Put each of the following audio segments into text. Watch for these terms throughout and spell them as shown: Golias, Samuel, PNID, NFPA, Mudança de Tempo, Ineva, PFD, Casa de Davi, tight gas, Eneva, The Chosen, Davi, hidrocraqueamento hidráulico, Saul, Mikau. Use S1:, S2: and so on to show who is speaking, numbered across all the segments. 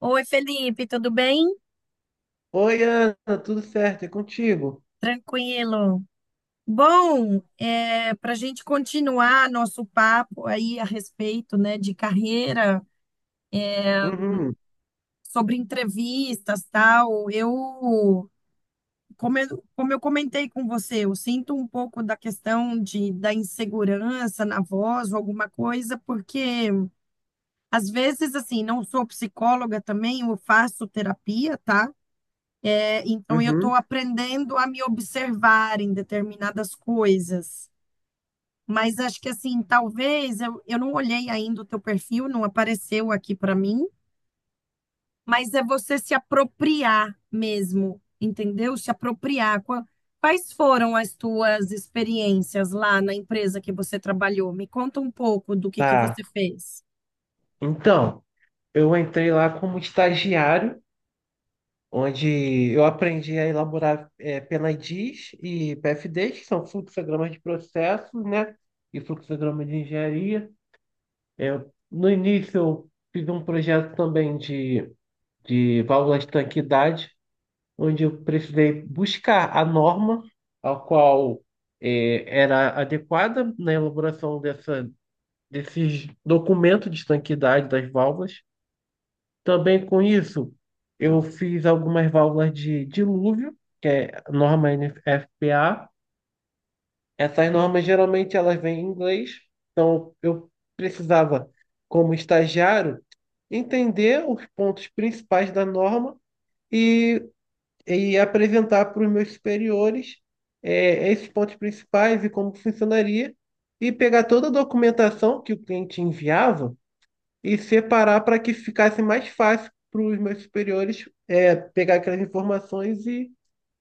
S1: Oi, Felipe, tudo bem?
S2: Oi, Ana, tudo certo? É contigo?
S1: Tranquilo. Bom, para a gente continuar nosso papo aí a respeito, né, de carreira,
S2: Uhum,
S1: sobre entrevistas, tal, eu, como eu comentei com você, eu sinto um pouco da questão da insegurança na voz ou alguma coisa, porque às vezes, assim, não sou psicóloga também, eu faço terapia, tá? É, então eu estou
S2: uhum.
S1: aprendendo a me observar em determinadas coisas. Mas acho que assim, talvez eu não olhei ainda o teu perfil, não apareceu aqui para mim, mas é você se apropriar mesmo, entendeu? Se apropriar. Quais foram as tuas experiências lá na empresa que você trabalhou? Me conta um pouco do que
S2: Tá.
S1: você fez.
S2: Então, eu entrei lá como estagiário, onde eu aprendi a elaborar PNIDs e PFDs, que são fluxogramas de processos, né? E fluxograma de engenharia. Eu, no início, eu fiz um projeto também de válvula de tanquidade, onde eu precisei buscar a norma, a qual era adequada na elaboração dessa desses documentos de estanqueidade das válvulas. Também com isso, eu fiz algumas válvulas de dilúvio, que é norma NFPA. Essas normas geralmente elas vêm em inglês, então eu precisava, como estagiário, entender os pontos principais da norma e, e apresentar para os meus superiores esses pontos principais e como funcionaria, e pegar toda a documentação que o cliente enviava e separar para que ficasse mais fácil para os meus superiores pegar aquelas informações e,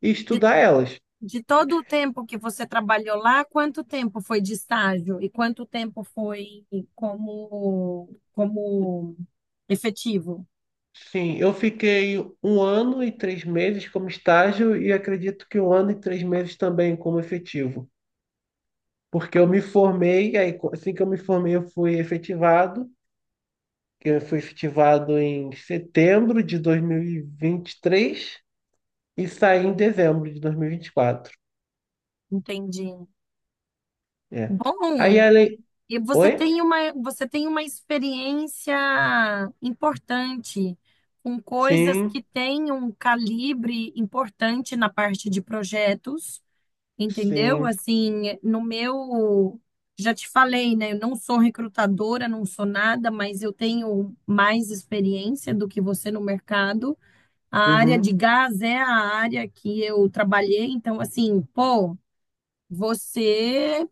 S2: e estudar elas.
S1: De todo o tempo que você trabalhou lá, quanto tempo foi de estágio e quanto tempo foi como efetivo?
S2: Sim, eu fiquei 1 ano e 3 meses como estágio e acredito que 1 ano e 3 meses também como efetivo, porque eu me formei, assim que eu me formei eu fui efetivado, que eu fui efetivado em setembro de dois mil e vinte e três e saí em dezembro de dois mil e vinte e quatro.
S1: Entendi.
S2: É. Aí
S1: Bom,
S2: a lei...
S1: e você
S2: Oi?
S1: tem uma, você tem uma experiência importante com coisas que
S2: Sim,
S1: têm um calibre importante na parte de projetos, entendeu?
S2: sim.
S1: Assim, no meu, já te falei, né? Eu não sou recrutadora, não sou nada, mas eu tenho mais experiência do que você no mercado. A área
S2: Uhum,
S1: de gás é a área que eu trabalhei, então, assim, pô, você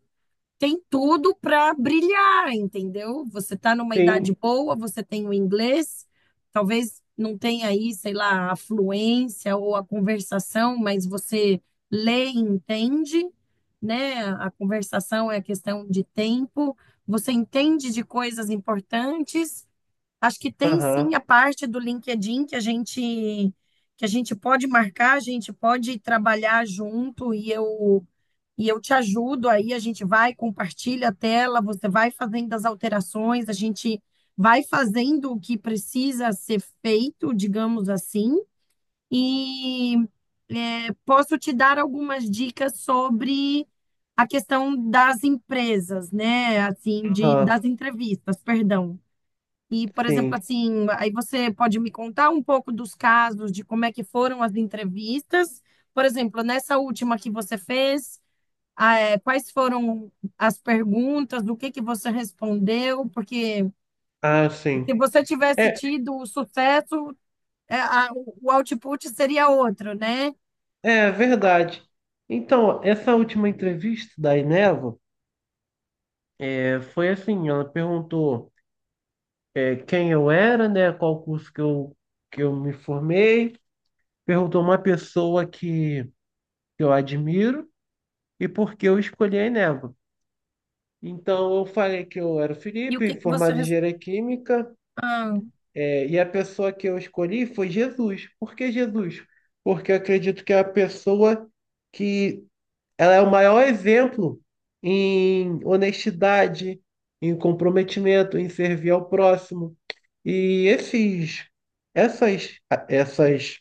S1: tem tudo para brilhar, entendeu? Você está numa
S2: sim,
S1: idade boa, você tem o inglês, talvez não tenha aí, sei lá, a fluência ou a conversação, mas você lê e entende, né? A conversação é questão de tempo, você entende de coisas importantes. Acho que tem sim
S2: aham,
S1: a parte do LinkedIn que a gente pode marcar, a gente pode trabalhar junto e eu te ajudo aí, a gente vai, compartilha a tela, você vai fazendo as alterações, a gente vai fazendo o que precisa ser feito, digamos assim, e posso te dar algumas dicas sobre a questão das empresas, né? Assim,
S2: aham,
S1: das entrevistas, perdão. E, por exemplo,
S2: sim,
S1: assim, aí você pode me contar um pouco dos casos, de como é que foram as entrevistas. Por exemplo, nessa última que você fez, ah, é, quais foram as perguntas, do que você respondeu? Porque
S2: ah,
S1: se
S2: sim.
S1: você tivesse
S2: É,
S1: tido o sucesso, o output seria outro, né?
S2: é verdade. Então, essa última entrevista da Ineva foi assim, ela perguntou quem eu era, né, qual curso que eu me formei, perguntou uma pessoa que eu admiro e por que eu escolhi a Ineva. Então, eu falei que eu era o
S1: E o
S2: Felipe,
S1: que que você
S2: formado em
S1: res-?
S2: engenharia química.
S1: Ah,
S2: E a pessoa que eu escolhi foi Jesus. Por que Jesus? Porque eu acredito que é a pessoa que ela é o maior exemplo em honestidade, em comprometimento, em servir ao próximo. E essas, essas,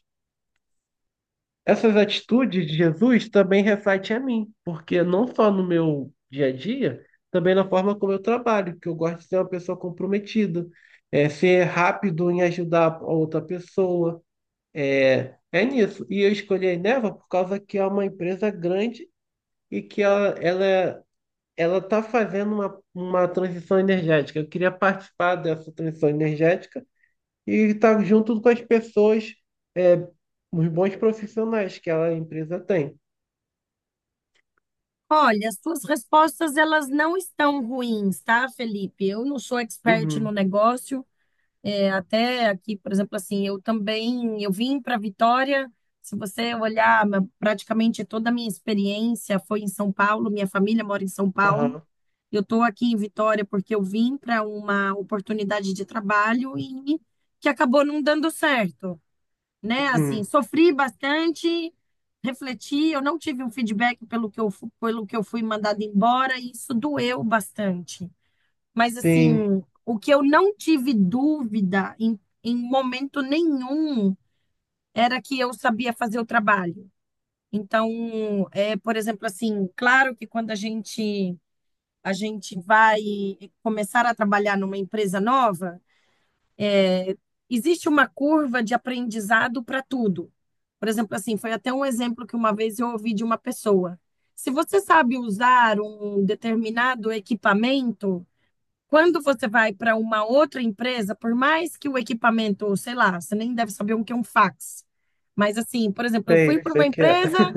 S2: essas atitudes de Jesus também refletem a mim, porque não só no meu dia a dia, também na forma como eu trabalho, que eu gosto de ser uma pessoa comprometida, ser rápido em ajudar a outra pessoa é nisso. E eu escolhi a Eneva por causa que é uma empresa grande e que ela está fazendo uma transição energética. Eu queria participar dessa transição energética e estar junto com as pessoas, é, os bons profissionais que a empresa tem.
S1: olha, as suas respostas elas não estão ruins, tá, Felipe? Eu não sou expert no
S2: Uhum,
S1: negócio. É, até aqui, por exemplo, assim, eu também, eu vim para Vitória. Se você olhar, praticamente toda a minha experiência foi em São Paulo, minha família mora em São Paulo.
S2: aham,
S1: Eu estou aqui em Vitória porque eu vim para uma oportunidade de trabalho e que acabou não dando certo, né? Assim,
S2: uhum,
S1: sofri bastante, refleti, eu não tive um feedback pelo que eu fui mandada embora e isso doeu bastante. Mas
S2: sim,
S1: assim, o que eu não tive dúvida em momento nenhum era que eu sabia fazer o trabalho. Então, por exemplo, assim, claro que quando a gente vai começar a trabalhar numa empresa nova, existe uma curva de aprendizado para tudo. Por exemplo, assim, foi até um exemplo que uma vez eu ouvi de uma pessoa. Se você sabe usar um determinado equipamento, quando você vai para uma outra empresa, por mais que o equipamento, sei lá, você nem deve saber o que é um fax. Mas assim, por exemplo, eu
S2: sei,
S1: fui para
S2: sei
S1: uma
S2: que é.
S1: empresa,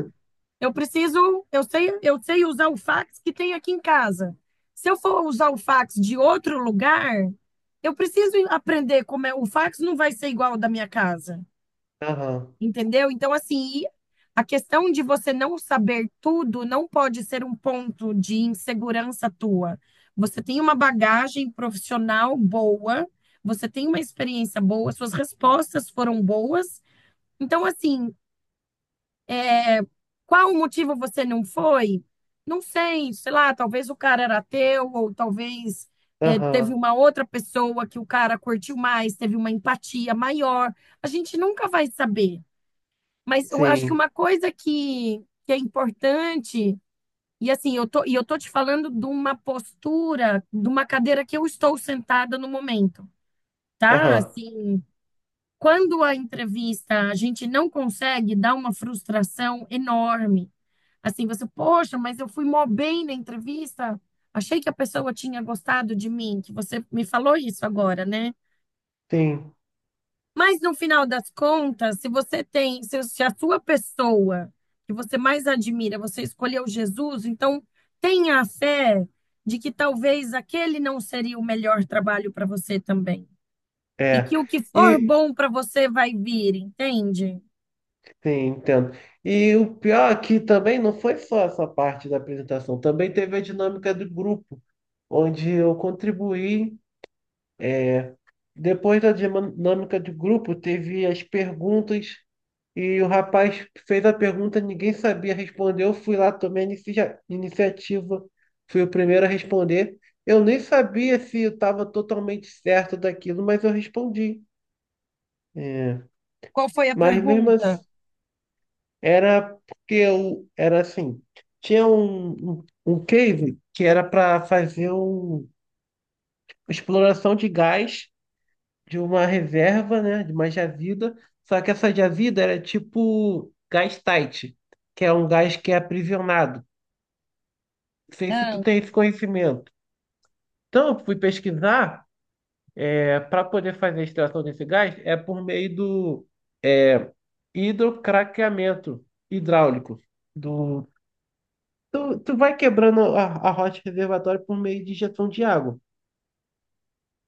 S1: eu preciso, eu sei usar o fax que tem aqui em casa. Se eu for usar o fax de outro lugar, eu preciso aprender como é. O fax não vai ser igual ao da minha casa.
S2: Aham,
S1: Entendeu? Então, assim, e a questão de você não saber tudo não pode ser um ponto de insegurança tua. Você tem uma bagagem profissional boa, você tem uma experiência boa, suas respostas foram boas. Então, assim, qual o motivo você não foi? Não sei, sei lá, talvez o cara era teu, ou talvez teve
S2: aham,
S1: uma outra pessoa que o cara curtiu mais, teve uma empatia maior. A gente nunca vai saber. Mas eu acho que
S2: sim,
S1: uma coisa que é importante, e assim, eu tô te falando de uma postura, de uma cadeira que eu estou sentada no momento, tá?
S2: aham,
S1: Assim, quando a entrevista a gente não consegue, dá uma frustração enorme. Assim, você, poxa, mas eu fui mó bem na entrevista, achei que a pessoa tinha gostado de mim, que você me falou isso agora, né?
S2: sim,
S1: Mas no final das contas, se você tem, se a sua pessoa que você mais admira, você escolheu Jesus, então tenha a fé de que talvez aquele não seria o melhor trabalho para você também. E
S2: é.
S1: que o que for
S2: E
S1: bom para você vai vir, entende?
S2: Sim, entendo. E o pior aqui também não foi só essa parte da apresentação, também teve a dinâmica do grupo, onde eu contribuí. É. Depois da dinâmica do grupo, teve as perguntas e o rapaz fez a pergunta, ninguém sabia responder. Eu fui lá, tomei a iniciativa, fui o primeiro a responder. Eu nem sabia se eu estava totalmente certo daquilo, mas eu respondi. É.
S1: Qual foi a
S2: Mas mesmo assim.
S1: pergunta?
S2: Era porque eu era assim, tinha um cave que era para fazer exploração de gás de uma reserva, né, de uma jazida, só que essa jazida era tipo gás tight, que é um gás que é aprisionado. Não sei se tu
S1: Ah,
S2: tem esse conhecimento. Então, eu fui pesquisar, para poder fazer a extração desse gás, é por meio do hidrocraqueamento hidráulico do Tu vai quebrando a rocha reservatória por meio de injeção de água.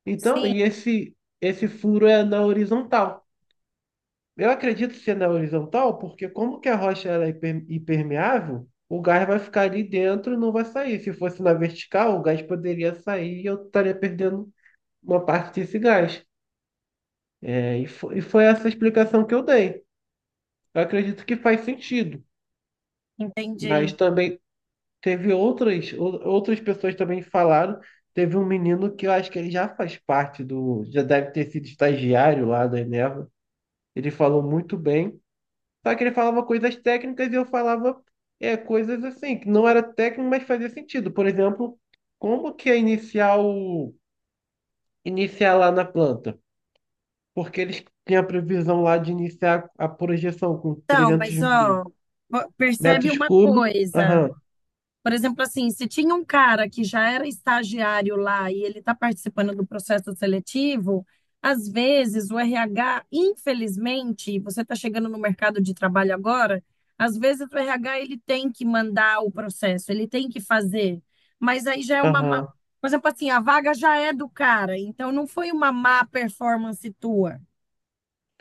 S2: Então,
S1: sim,
S2: e esse furo é na horizontal. Eu acredito ser na horizontal, porque como que a rocha ela é impermeável, o gás vai ficar ali dentro e não vai sair. Se fosse na vertical, o gás poderia sair e eu estaria perdendo uma parte desse gás. E foi essa a explicação que eu dei. Eu acredito que faz sentido,
S1: entendi.
S2: mas também teve outras, outras pessoas também que falaram. Teve um menino que eu acho que ele já faz parte do. Já deve ter sido estagiário lá da Eneva. Ele falou muito bem. Só que ele falava coisas técnicas e eu falava coisas assim, que não era técnico, mas fazia sentido. Por exemplo, como que é iniciar iniciar lá na planta? Porque eles têm a previsão lá de iniciar a projeção com
S1: Então,
S2: trezentos
S1: mas
S2: mil
S1: ó, percebe
S2: metros
S1: uma
S2: cúbicos. Aham,
S1: coisa. Por exemplo, assim, se tinha um cara que já era estagiário lá e ele está participando do processo seletivo, às vezes o RH, infelizmente, você está chegando no mercado de trabalho agora, às vezes o RH ele tem que mandar o processo, ele tem que fazer. Mas aí já é uma,
S2: aham,
S1: por exemplo, assim, a vaga já é do cara, então não foi uma má performance tua,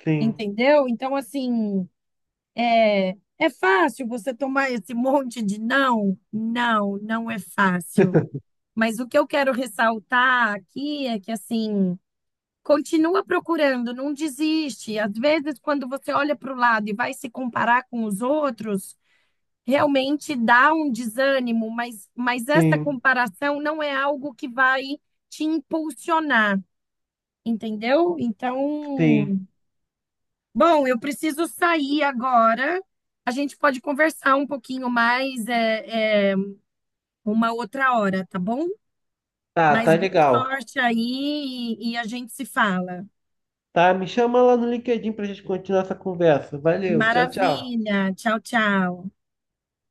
S2: sim,
S1: entendeu? Então, assim, é fácil você tomar esse monte de não? Não, não é fácil. Mas o que eu quero ressaltar aqui é que, assim, continua procurando, não desiste. Às vezes, quando você olha para o lado e vai se comparar com os outros, realmente dá um desânimo, mas essa
S2: sim,
S1: comparação não é algo que vai te impulsionar, entendeu?
S2: sim.
S1: Então. Bom, eu preciso sair agora. A gente pode conversar um pouquinho mais uma outra hora, tá bom?
S2: Tá, tá
S1: Mas boa
S2: legal.
S1: sorte aí e a gente se fala.
S2: Tá, me chama lá no LinkedIn pra gente continuar essa conversa. Valeu, tchau, tchau.
S1: Maravilha. Tchau, tchau.